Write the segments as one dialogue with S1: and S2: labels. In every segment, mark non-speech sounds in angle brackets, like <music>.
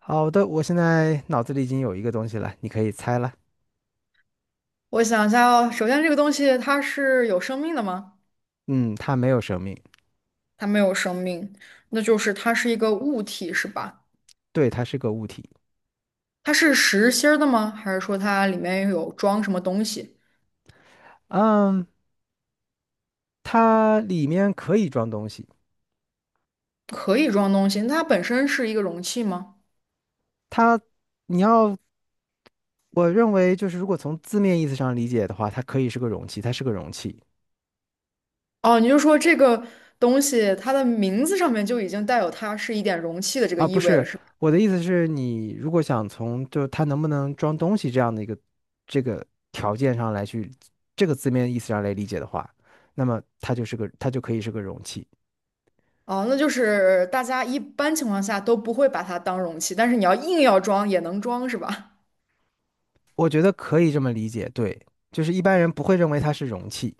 S1: 好的，我现在脑子里已经有一个东西了，你可以猜了。
S2: 我想一下哦，首先这个东西它是有生命的吗？
S1: 嗯，它没有生命，
S2: 它没有生命，那就是它是一个物体，是吧？
S1: 对，它是个物体。
S2: 它是实心儿的吗？还是说它里面有装什么东西？
S1: 嗯，它里面可以装东西。
S2: 可以装东西，那它本身是一个容器吗？
S1: 它，你要，我认为就是如果从字面意思上理解的话，它可以是个容器，它是个容器
S2: 哦，你就说这个东西它的名字上面就已经带有它是一点容器的这个
S1: 啊，不
S2: 意味了，
S1: 是。
S2: 是吧？
S1: 我的意思是你如果想从就它能不能装东西这样的一个这个条件上来去字面意思上来理解的话，那么它就可以是个容器。
S2: 哦，那就是大家一般情况下都不会把它当容器，但是你要硬要装也能装，是吧？
S1: 我觉得可以这么理解，对，就是一般人不会认为它是容器，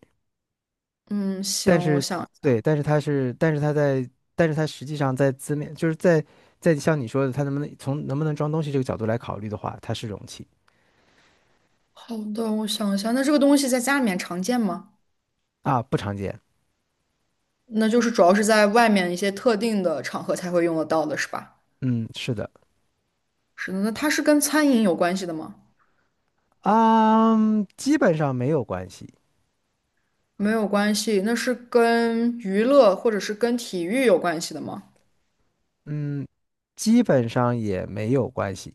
S2: 嗯，
S1: 但
S2: 行，我
S1: 是，
S2: 想。
S1: 对，但是它是，但是它在，但是它实际上在字面，就是在像你说的，它能不能从能不能装东西这个角度来考虑的话，它是容器。
S2: 好的，我想一下，那这个东西在家里面常见吗？
S1: 啊，不常见。
S2: 那就是主要是在外面一些特定的场合才会用得到的，是吧？
S1: 嗯，是的。
S2: 是的，那它是跟餐饮有关系的吗？
S1: 啊，基本上没有关系。
S2: 没有关系，那是跟娱乐或者是跟体育有关系的吗？
S1: 嗯，基本上也没有关系。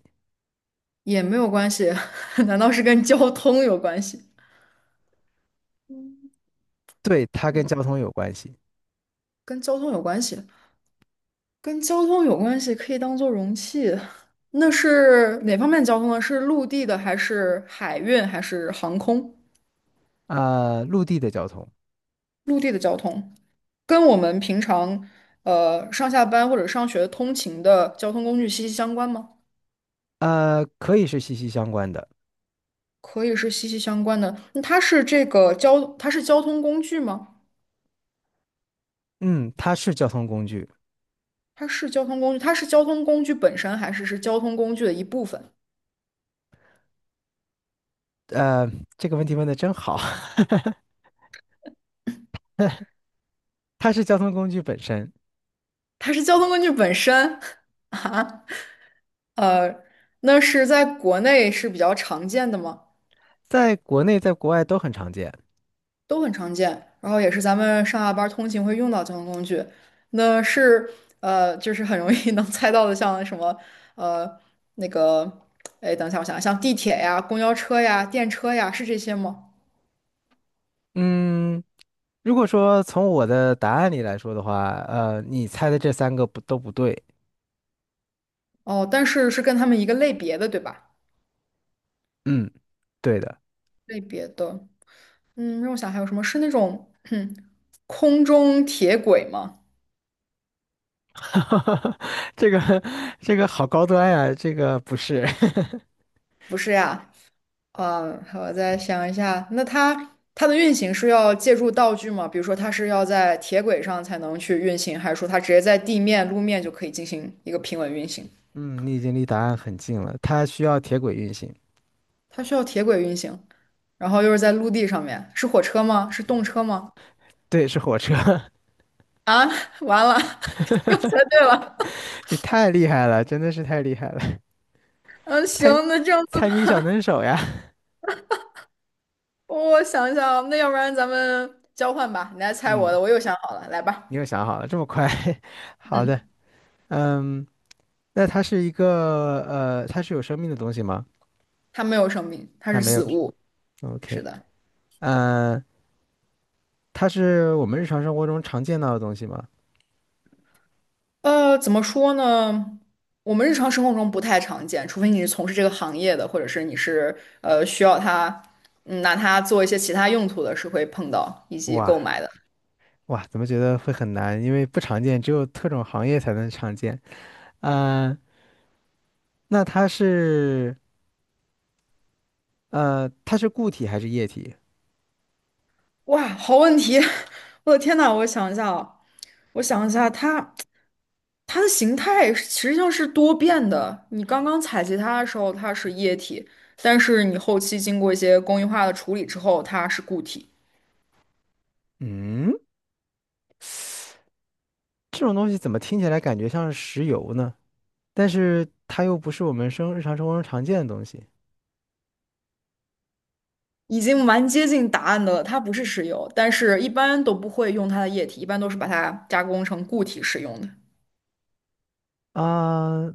S2: 也没有关系，<laughs> 难道是跟交通有关系？
S1: 对，它跟交通有关系。
S2: 跟交通有关系，跟交通有关系，可以当做容器。那是哪方面交通呢？是陆地的还是海运还是航空？
S1: 啊，陆地的交通。
S2: 陆地的交通。跟我们平常上下班或者上学通勤的交通工具息息相关吗？
S1: 呃，可以是息息相关的。
S2: 可以是息息相关的。那它是这个交，它是交通工具吗？
S1: 嗯，它是交通工具。
S2: 它是交通工具，它是交通工具本身，还是是交通工具的一部分？
S1: 呃，这个问题问的真好，<laughs> 它是交通工具本身。
S2: 它是交通工具本身 <laughs> 啊，呃，那是在国内是比较常见的吗？
S1: 在国内在国外都很常见。
S2: 都很常见，然后也是咱们上下班儿通勤会用到交通工具。那是就是很容易 <laughs> 能猜到的，像什么呃那个，哎，等一下，我想想，像地铁呀、公交车呀、电车呀，是这些吗？
S1: 嗯，如果说从我的答案里来说的话，你猜的这三个不都不对。
S2: 哦，但是是跟他们一个类别的，对吧？
S1: 嗯，对的。
S2: 类别的，嗯，让我想还有什么是那种 <clears throat> 空中铁轨吗？
S1: <laughs> 这个这个好高端呀，这个不是。<laughs>
S2: 不是呀，啊，好，我再想一下，那它的运行是要借助道具吗？比如说，它是要在铁轨上才能去运行，还是说它直接在地面、路面就可以进行一个平稳运行？
S1: 嗯，你已经离答案很近了，它需要铁轨运行。
S2: 它需要铁轨运行，然后又是在陆地上面，是火车吗？是动车吗？
S1: 对，是火车。
S2: 啊，完了，<laughs> 又猜对了。
S1: <laughs> 你太厉害了，真的是太厉害了。
S2: 嗯，
S1: <laughs>
S2: 行，
S1: 猜
S2: 那这样子，
S1: 猜谜小能手呀。
S2: 我想一想，那要不然咱们交换吧，你来
S1: <laughs>
S2: 猜我
S1: 嗯。
S2: 的，我又想好了，来
S1: 你
S2: 吧。
S1: 又想好了，这么快？<laughs> 好的，嗯，那它是一个它是有生命的东西吗？
S2: 它没有生命，它
S1: 它
S2: 是
S1: 没
S2: 死
S1: 有。
S2: 物。是
S1: OK，
S2: 的。
S1: 嗯，它是我们日常生活中常见到的东西吗？
S2: 呃，怎么说呢？我们日常生活中不太常见，除非你是从事这个行业的，或者是你是需要它，嗯，拿它做一些其他用途的，是会碰到以及购
S1: 哇
S2: 买的。
S1: 哇，怎么觉得会很难？因为不常见，只有特种行业才能常见。呃，那它是呃，它是固体还是液体？
S2: 哇，好问题！<laughs> 我的天呐，我想一下啊，我想一下，它的形态是实际上是多变的。你刚刚采集它的时候，它是液体，但是你后期经过一些工艺化的处理之后，它是固体。
S1: 嗯，这种东西怎么听起来感觉像是石油呢？但是它又不是我们生日常生活中常见的东西。
S2: 已经蛮接近答案的了，它不是石油，但是一般都不会用它的液体，一般都是把它加工成固体使用的。
S1: 啊，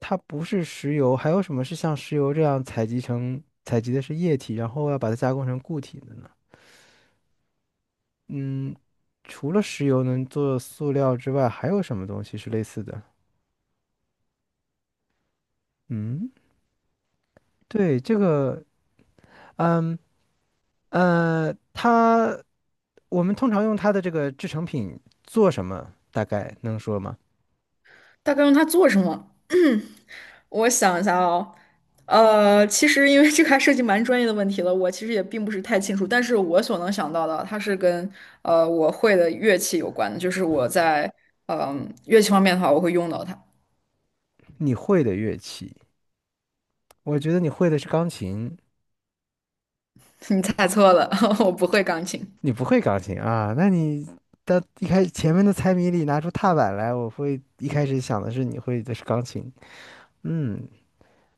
S1: 它不是石油，还有什么是像石油这样采集的是液体，然后要把它加工成固体的呢？嗯，除了石油能做塑料之外，还有什么东西是类似的？嗯，对，这个，嗯呃，它我们通常用它的这个制成品做什么？大概能说吗？
S2: 大概用它做什么？我想一下哦，呃，其实因为这个还涉及蛮专业的问题了，我其实也并不是太清楚，但是我所能想到的，它是跟我会的乐器有关的，就是我在嗯、乐器方面的话，我会用到它。
S1: 你会的乐器，我觉得你会的是钢琴。
S2: <laughs> 你猜错了，<laughs> 我不会钢琴。
S1: 你不会钢琴啊？到一开始前面的猜谜里拿出踏板来，我会一开始想的是你会的是钢琴。嗯，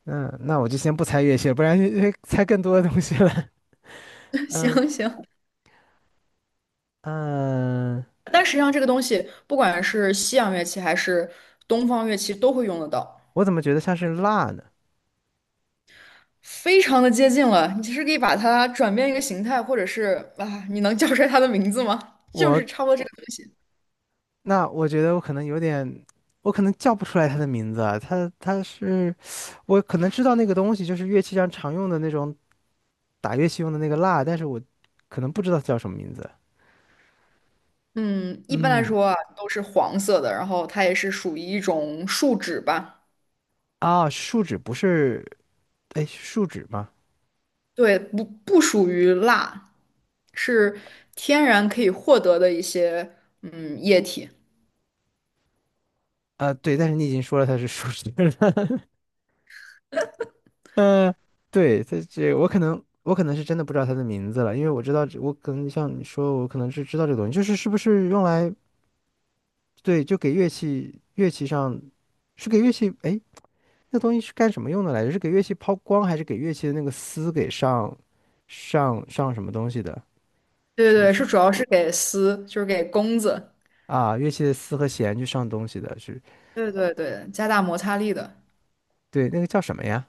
S1: 那我就先不猜乐器了，不然会猜更多的东西了。
S2: <laughs> 行行，
S1: <laughs> 嗯，
S2: 但实际上，这个东西不管是西洋乐器还是东方乐器都会用得到，
S1: 我怎么觉得像是蜡呢？
S2: 非常的接近了。你其实可以把它转变一个形态，或者是啊，你能叫出来它的名字吗？<laughs> 就是差
S1: 我
S2: 不多这个东西。
S1: 那我觉得我可能有点，我可能叫不出来它的名字啊。它是，我可能知道那个东西就是乐器上常用的那种打乐器用的那个蜡，但是我可能不知道它叫什么名字。
S2: 嗯，一般来
S1: 嗯，
S2: 说啊，都是黄色的，然后它也是属于一种树脂吧。
S1: 啊，树脂不是。哎，树脂吗？
S2: 对，不属于蜡，是天然可以获得的一些嗯液体。
S1: 啊，对，但是你已经说了它是树脂了。<laughs> 嗯，对，它这我可能是真的不知道它的名字了，因为我知道这我可能像你说，我可能是知道这个东西，就是是不是用来对，就给乐器上是给乐器哎，那东西是干什么用的来着？是给乐器抛光，还是给乐器的那个丝给上什么东西的？
S2: 对
S1: 是
S2: 对
S1: 不
S2: 对，
S1: 是
S2: 是主要是给丝，就是给弓子。
S1: 啊？乐器的丝和弦去上东西的是，
S2: 对对对，加大摩擦力的。
S1: 对，那个叫什么呀？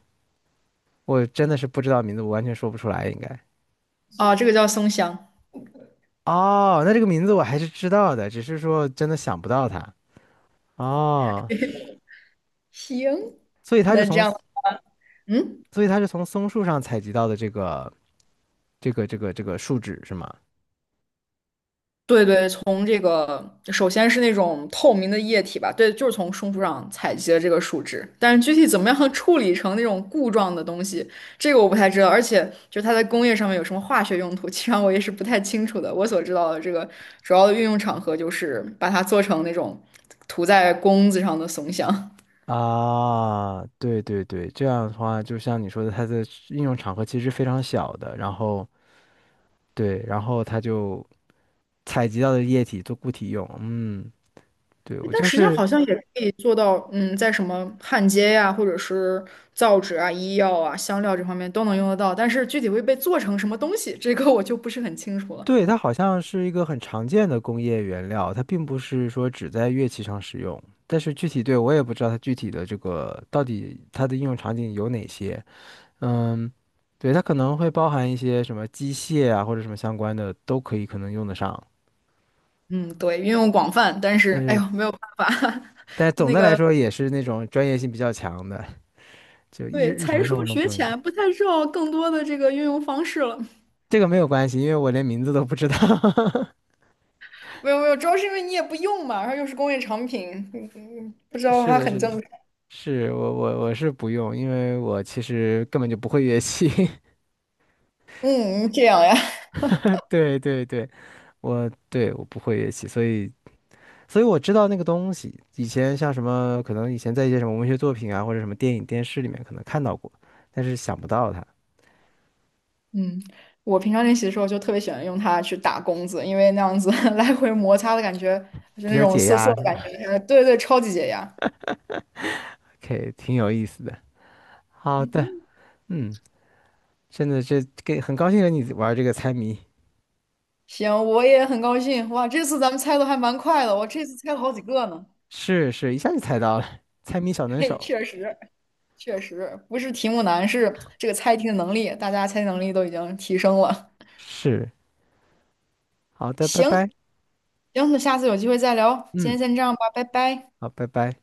S1: 我真的是不知道名字，我完全说不出来，应该。
S2: 啊，这个叫松香。
S1: 哦，那这个名字我还是知道的，只是说真的想不到它。哦，
S2: 行，
S1: 所以它是
S2: 那这
S1: 从，
S2: 样，嗯，
S1: 所以它是从松树上采集到的这个树脂是吗？
S2: 对对，从这个首先是那种透明的液体吧，对，就是从松树上采集的这个树脂，但是具体怎么样处理成那种固状的东西，这个我不太知道，而且就是它在工业上面有什么化学用途，其实上我也是不太清楚的。我所知道的这个主要的运用场合就是把它做成那种涂在弓子上的松香。
S1: 啊，对对对，这样的话，就像你说的，它的应用场合其实非常小的，然后对，然后它就采集到的液体做固体用。嗯，对，
S2: 诶
S1: 我
S2: 但
S1: 就
S2: 实际上
S1: 是。
S2: 好像也可以做到，嗯，在什么焊接呀、或者是造纸啊、医药啊、香料这方面都能用得到，但是具体会被做成什么东西，这个我就不是很清楚了。
S1: 对，它好像是一个很常见的工业原料，它并不是说只在乐器上使用。但是具体对我也不知道它具体的这个到底它的应用场景有哪些。嗯，对，它可能会包含一些什么机械啊或者什么相关的都可以可能用得上。
S2: 嗯，对，运用广泛，但是
S1: 但
S2: 哎
S1: 是
S2: 呦，没有办法，
S1: 但
S2: <laughs>
S1: 总
S2: 那
S1: 的来
S2: 个
S1: 说也是那种专业性比较强的，就
S2: 对，
S1: 日
S2: 才
S1: 常生
S2: 疏
S1: 活中不
S2: 学
S1: 用。
S2: 浅，不太知道更多的这个运用方式了。
S1: 这个没有关系，因为我连名字都不知道。
S2: 没有没有，主要是因为你也不用嘛，然后又是工业产品，嗯，不
S1: <laughs>
S2: 知道
S1: 是
S2: 它
S1: 的，
S2: 很
S1: 是的，
S2: 正常。
S1: 是我是不用，因为我其实根本就不会乐器。<laughs>
S2: 嗯，这样呀。
S1: 对对对，我不会乐器，所以所以我知道那个东西。以前像什么，可能以前在一些什么文学作品啊，或者什么电影、电视里面可能看到过，但是想不到它。
S2: 嗯，我平常练习的时候就特别喜欢用它去打弓子，因为那样子 <laughs> 来回摩擦的感觉，就
S1: 比
S2: 那
S1: 较
S2: 种
S1: 解
S2: 涩涩
S1: 压
S2: 的
S1: 是
S2: 感
S1: 吧，
S2: 觉，对对，超级解压。
S1: 可以。 <laughs>，挺有意思的。好的，嗯，真的这给很高兴跟你玩这个猜谜。
S2: 行，我也很高兴，哇，这次咱们猜的还蛮快的，我这次猜了好几个呢。
S1: 是是，一下就猜到了。<laughs> 猜谜小能
S2: 嘿，
S1: 手，
S2: 确实不是题目难，是这个猜题的能力，大家猜题能力都已经提升了。
S1: 是。好的，拜
S2: 行
S1: 拜。
S2: 行，那下次有机会再聊，今
S1: 嗯，
S2: 天先这样吧，拜拜。
S1: 好，拜拜。